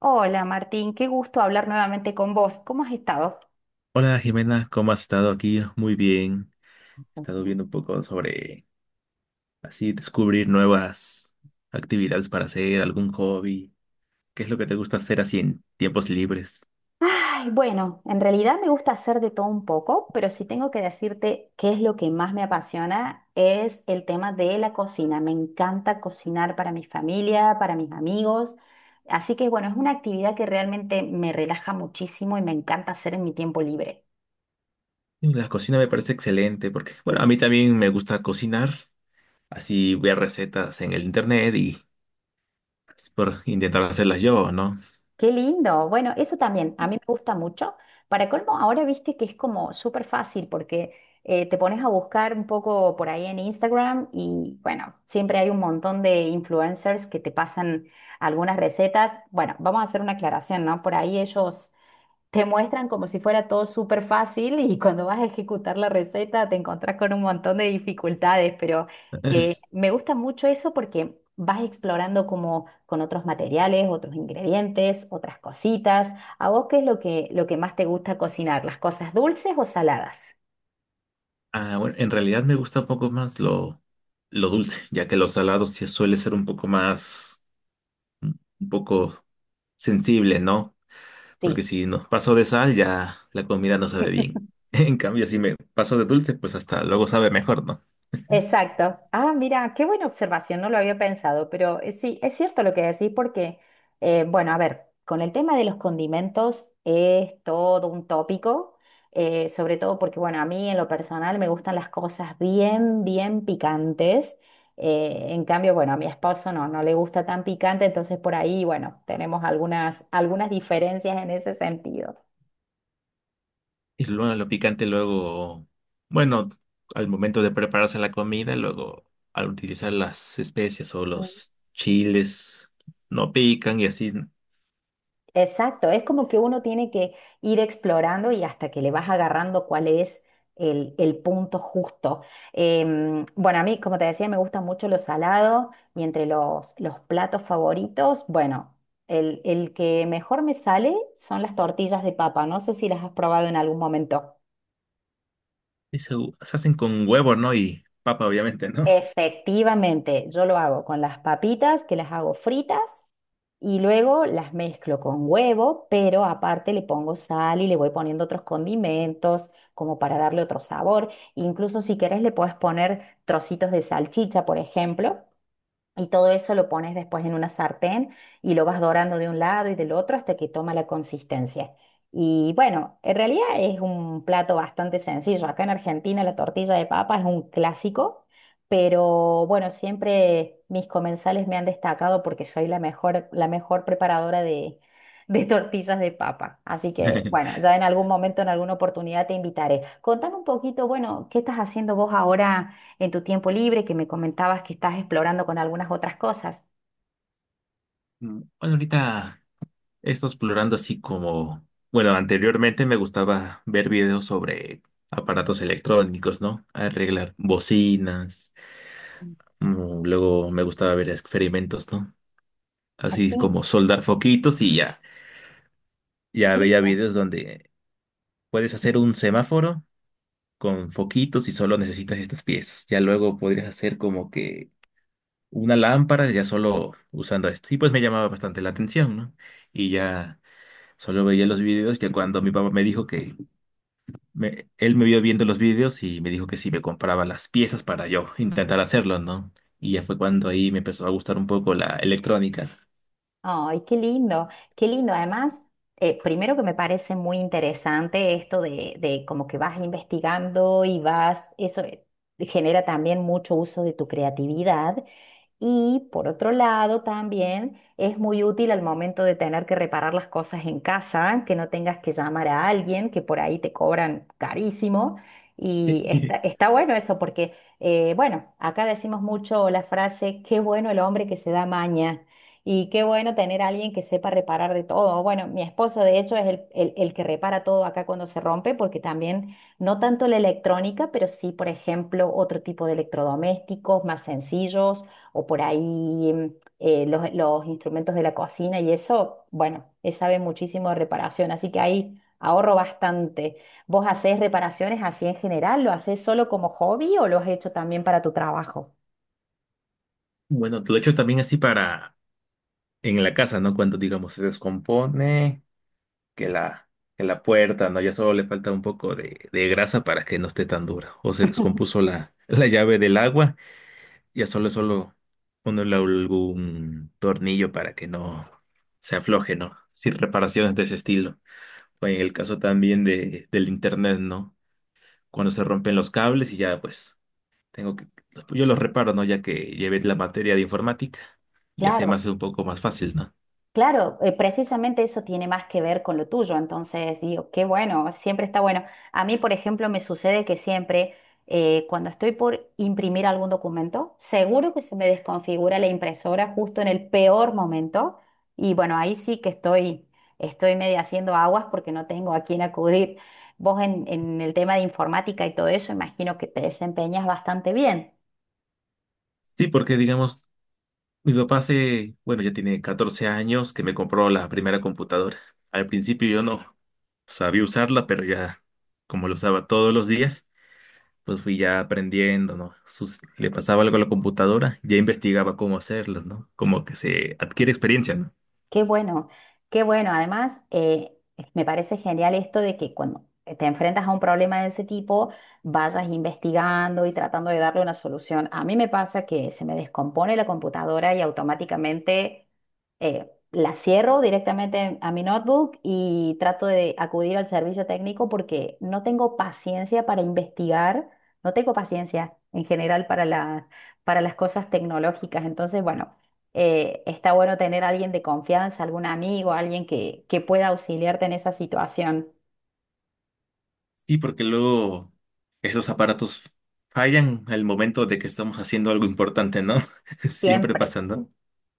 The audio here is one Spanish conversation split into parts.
Hola Martín, qué gusto hablar nuevamente con vos. ¿Cómo has estado? Hola Jimena, ¿cómo has estado aquí? Muy bien. He estado viendo un poco sobre así descubrir nuevas actividades para hacer, algún hobby. ¿Qué es lo que te gusta hacer así en tiempos libres? Ay, bueno, en realidad me gusta hacer de todo un poco, pero si tengo que decirte qué es lo que más me apasiona es el tema de la cocina. Me encanta cocinar para mi familia, para mis amigos. Así que bueno, es una actividad que realmente me relaja muchísimo y me encanta hacer en mi tiempo libre. La cocina me parece excelente porque, bueno, a mí también me gusta cocinar. Así ver recetas en el internet y es por intentar hacerlas yo, ¿no? Qué lindo. Bueno, eso también a mí me gusta mucho. Para colmo, ahora viste que es como súper fácil porque te pones a buscar un poco por ahí en Instagram y bueno, siempre hay un montón de influencers que te pasan algunas recetas. Bueno, vamos a hacer una aclaración, ¿no? Por ahí ellos te muestran como si fuera todo súper fácil y cuando vas a ejecutar la receta te encontrás con un montón de dificultades, pero me gusta mucho eso porque vas explorando como con otros materiales, otros ingredientes, otras cositas. ¿A vos qué es lo que más te gusta cocinar? ¿Las cosas dulces o saladas? Ah, bueno, en realidad me gusta un poco más lo dulce, ya que los salados sí suele ser un poco más, un poco sensible, ¿no? Porque Sí. si nos paso de sal, ya la comida no sabe bien. En cambio, si me paso de dulce, pues hasta luego sabe mejor, ¿no? Exacto. Ah, mira, qué buena observación, no lo había pensado, pero sí, es cierto lo que decís porque, bueno, a ver, con el tema de los condimentos es todo un tópico, sobre todo porque, bueno, a mí en lo personal me gustan las cosas bien, bien picantes. En cambio, bueno, a mi esposo no, no le gusta tan picante, entonces por ahí, bueno, tenemos algunas diferencias en ese sentido. Y luego lo picante, luego, bueno, al momento de prepararse la comida, luego al utilizar las especias o los chiles, no pican y así. Exacto, es como que uno tiene que ir explorando y hasta que le vas agarrando cuál es el punto justo. Bueno, a mí, como te decía, me gusta mucho lo salado y entre los platos favoritos, bueno, el que mejor me sale son las tortillas de papa. No sé si las has probado en algún momento. Y se hacen con huevo, ¿no? Y papa, obviamente, ¿no? Efectivamente, yo lo hago con las papitas, que las hago fritas. Y luego las mezclo con huevo, pero aparte le pongo sal y le voy poniendo otros condimentos como para darle otro sabor. Incluso si querés le puedes poner trocitos de salchicha, por ejemplo, y todo eso lo pones después en una sartén y lo vas dorando de un lado y del otro hasta que toma la consistencia. Y bueno, en realidad es un plato bastante sencillo. Acá en Argentina la tortilla de papa es un clásico, pero bueno, siempre mis comensales me han destacado porque soy la mejor preparadora de, de tortillas de papa. Así que bueno, ya en algún momento, en alguna oportunidad te invitaré. Contame un poquito, bueno, ¿qué estás haciendo vos ahora en tu tiempo libre, que me comentabas que estás explorando con algunas otras cosas? Bueno, ahorita he estado explorando así como, bueno, anteriormente me gustaba ver videos sobre aparatos electrónicos, ¿no? Arreglar bocinas, luego me gustaba ver experimentos, ¿no? Así Así, como soldar foquitos y ya, ya veía escrito. videos donde puedes hacer un semáforo con foquitos y solo necesitas estas piezas. Ya luego podrías hacer como que una lámpara ya solo usando esto. Y pues me llamaba bastante la atención, ¿no? Y ya solo veía los videos que cuando mi papá me dijo que él me vio viendo los vídeos y me dijo que si me compraba las piezas para yo intentar hacerlo, ¿no? Y ya fue cuando ahí me empezó a gustar un poco la electrónica. Ay, qué lindo, qué lindo. Además, primero que me parece muy interesante esto de como que vas investigando y vas, eso genera también mucho uso de tu creatividad. Y por otro lado, también es muy útil al momento de tener que reparar las cosas en casa, que no tengas que llamar a alguien, que por ahí te cobran carísimo. Y está, está bueno eso porque, bueno, acá decimos mucho la frase, qué bueno el hombre que se da maña y qué bueno tener a alguien que sepa reparar de todo. Bueno, mi esposo de hecho es el, el que repara todo acá cuando se rompe porque también no tanto la electrónica, pero sí, por ejemplo, otro tipo de electrodomésticos más sencillos o por ahí los instrumentos de la cocina y eso, bueno, sabe muchísimo de reparación, así que ahí ahorro bastante. ¿Vos hacés reparaciones así en general? ¿Lo hacés solo como hobby o lo has hecho también para tu trabajo? Bueno, tú lo hecho también así para en la casa, ¿no? Cuando, digamos, se descompone, que la, que la puerta, ¿no? Ya solo le falta un poco de grasa para que no esté tan dura. O se descompuso la, la llave del agua, ya solo ponerle algún tornillo para que no se afloje, ¿no? Sin reparaciones de ese estilo. O en el caso también del internet, ¿no? Cuando se rompen los cables y ya, pues, tengo que, yo los reparo, ¿no? Ya que llevé la materia de informática, ya se me Claro. hace un poco más fácil, ¿no? Claro, precisamente eso tiene más que ver con lo tuyo, entonces digo, qué bueno, siempre está bueno. A mí, por ejemplo, me sucede que siempre cuando estoy por imprimir algún documento, seguro que se me desconfigura la impresora justo en el peor momento y bueno, ahí sí que estoy, estoy medio haciendo aguas porque no tengo a quién acudir. Vos en el tema de informática y todo eso, imagino que te desempeñas bastante bien. Sí, porque digamos, mi papá hace, bueno, ya tiene 14 años que me compró la primera computadora. Al principio yo no sabía usarla, pero ya, como lo usaba todos los días, pues fui ya aprendiendo, ¿no? Le pasaba algo a la computadora, ya investigaba cómo hacerlas, ¿no? Como que se adquiere experiencia, ¿no? Qué bueno, qué bueno. Además, me parece genial esto de que cuando te enfrentas a un problema de ese tipo, vayas investigando y tratando de darle una solución. A mí me pasa que se me descompone la computadora y automáticamente la cierro directamente a mi notebook y trato de acudir al servicio técnico porque no tengo paciencia para investigar, no tengo paciencia en general para las cosas tecnológicas. Entonces, bueno está bueno tener a alguien de confianza, algún amigo, alguien que pueda auxiliarte en esa situación. Sí, porque luego esos aparatos fallan al momento de que estamos haciendo algo importante, ¿no? Siempre Siempre. pasando.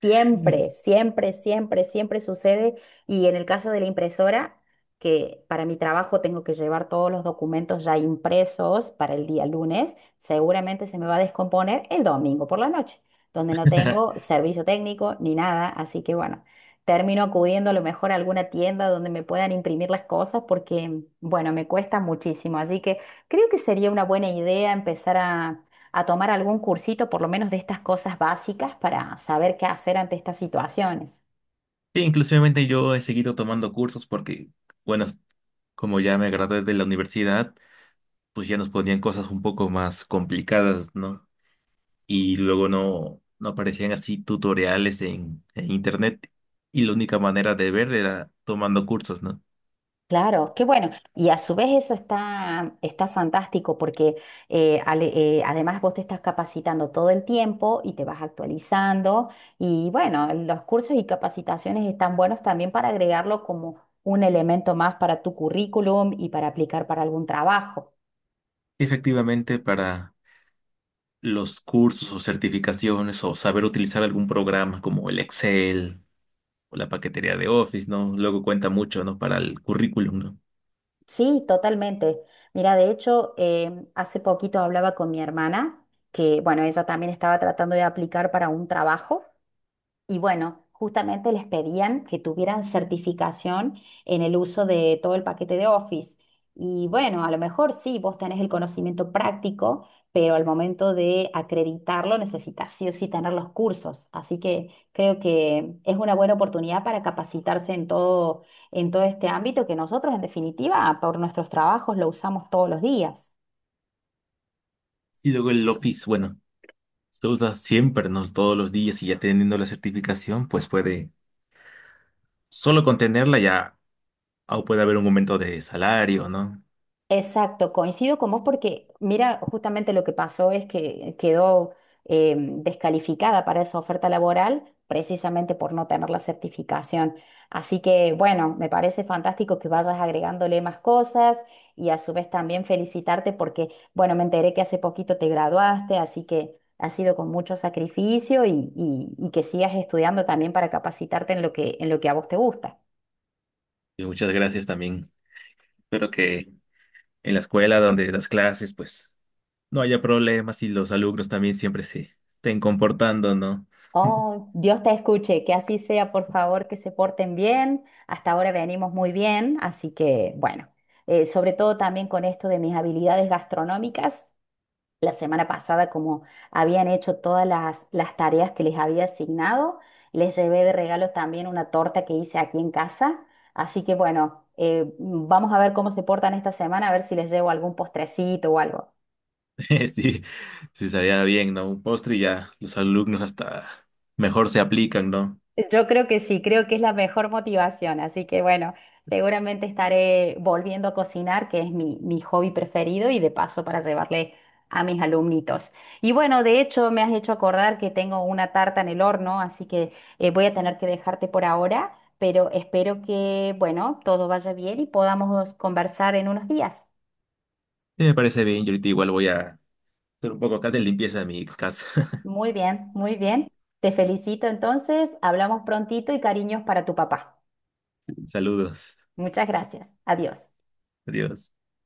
Siempre, siempre, siempre, siempre sucede. Y en el caso de la impresora, que para mi trabajo tengo que llevar todos los documentos ya impresos para el día lunes, seguramente se me va a descomponer el domingo por la noche, donde no tengo servicio técnico ni nada. Así que bueno, termino acudiendo a lo mejor a alguna tienda donde me puedan imprimir las cosas porque, bueno, me cuesta muchísimo. Así que creo que sería una buena idea empezar a tomar algún cursito, por lo menos de estas cosas básicas, para saber qué hacer ante estas situaciones. Sí, inclusivemente yo he seguido tomando cursos porque, bueno, como ya me gradué de la universidad, pues ya nos ponían cosas un poco más complicadas, ¿no? Y luego no aparecían así tutoriales en internet y la única manera de ver era tomando cursos, ¿no? Claro, qué bueno. Y a su vez eso está, está fantástico porque eh, ale- además vos te estás capacitando todo el tiempo y te vas actualizando. Y bueno, los cursos y capacitaciones están buenos también para agregarlo como un elemento más para tu currículum y para aplicar para algún trabajo. Sí, efectivamente, para los cursos o certificaciones o saber utilizar algún programa como el Excel o la paquetería de Office, ¿no? Luego cuenta mucho, ¿no? Para el currículum, ¿no? Sí, totalmente. Mira, de hecho, hace poquito hablaba con mi hermana, que bueno, ella también estaba tratando de aplicar para un trabajo. Y bueno, justamente les pedían que tuvieran certificación en el uso de todo el paquete de Office. Y bueno, a lo mejor sí, vos tenés el conocimiento práctico, pero al momento de acreditarlo necesitas sí o sí tener los cursos. Así que creo que es una buena oportunidad para capacitarse en todo este ámbito que nosotros, en definitiva, por nuestros trabajos lo usamos todos los días. Y luego el Office, bueno, se usa siempre, ¿no? Todos los días y ya teniendo la certificación, pues puede, solo con tenerla ya o puede haber un aumento de salario, ¿no? Exacto, coincido con vos porque mira, justamente lo que pasó es que quedó descalificada para esa oferta laboral precisamente por no tener la certificación. Así que bueno, me parece fantástico que vayas agregándole más cosas y a su vez también felicitarte porque bueno, me enteré que hace poquito te graduaste, así que ha sido con mucho sacrificio y, y que sigas estudiando también para capacitarte en lo que a vos te gusta. Y muchas gracias también. Espero que en la escuela donde das clases, pues no haya problemas y los alumnos también siempre se estén comportando, ¿no? Oh, Dios te escuche, que así sea, por favor, que se porten bien. Hasta ahora venimos muy bien, así que bueno, sobre todo también con esto de mis habilidades gastronómicas, la semana pasada como habían hecho todas las tareas que les había asignado, les llevé de regalo también una torta que hice aquí en casa, así que bueno, vamos a ver cómo se portan esta semana, a ver si les llevo algún postrecito o algo. Sí, sí estaría bien, ¿no? Un postre y ya los alumnos hasta mejor se aplican, ¿no? Yo creo que sí, creo que es la mejor motivación, así que bueno, seguramente estaré volviendo a cocinar, que es mi, mi hobby preferido y de paso para llevarle a mis alumnitos. Y bueno, de hecho me has hecho acordar que tengo una tarta en el horno, así que voy a tener que dejarte por ahora, pero espero que, bueno, todo vaya bien y podamos conversar en unos días. Sí, me parece bien. Yo ahorita igual voy a hacer un poco acá de limpieza de mi casa. Muy bien, muy bien. Te felicito entonces, hablamos prontito y cariños para tu papá. Saludos. Muchas gracias. Adiós. Adiós.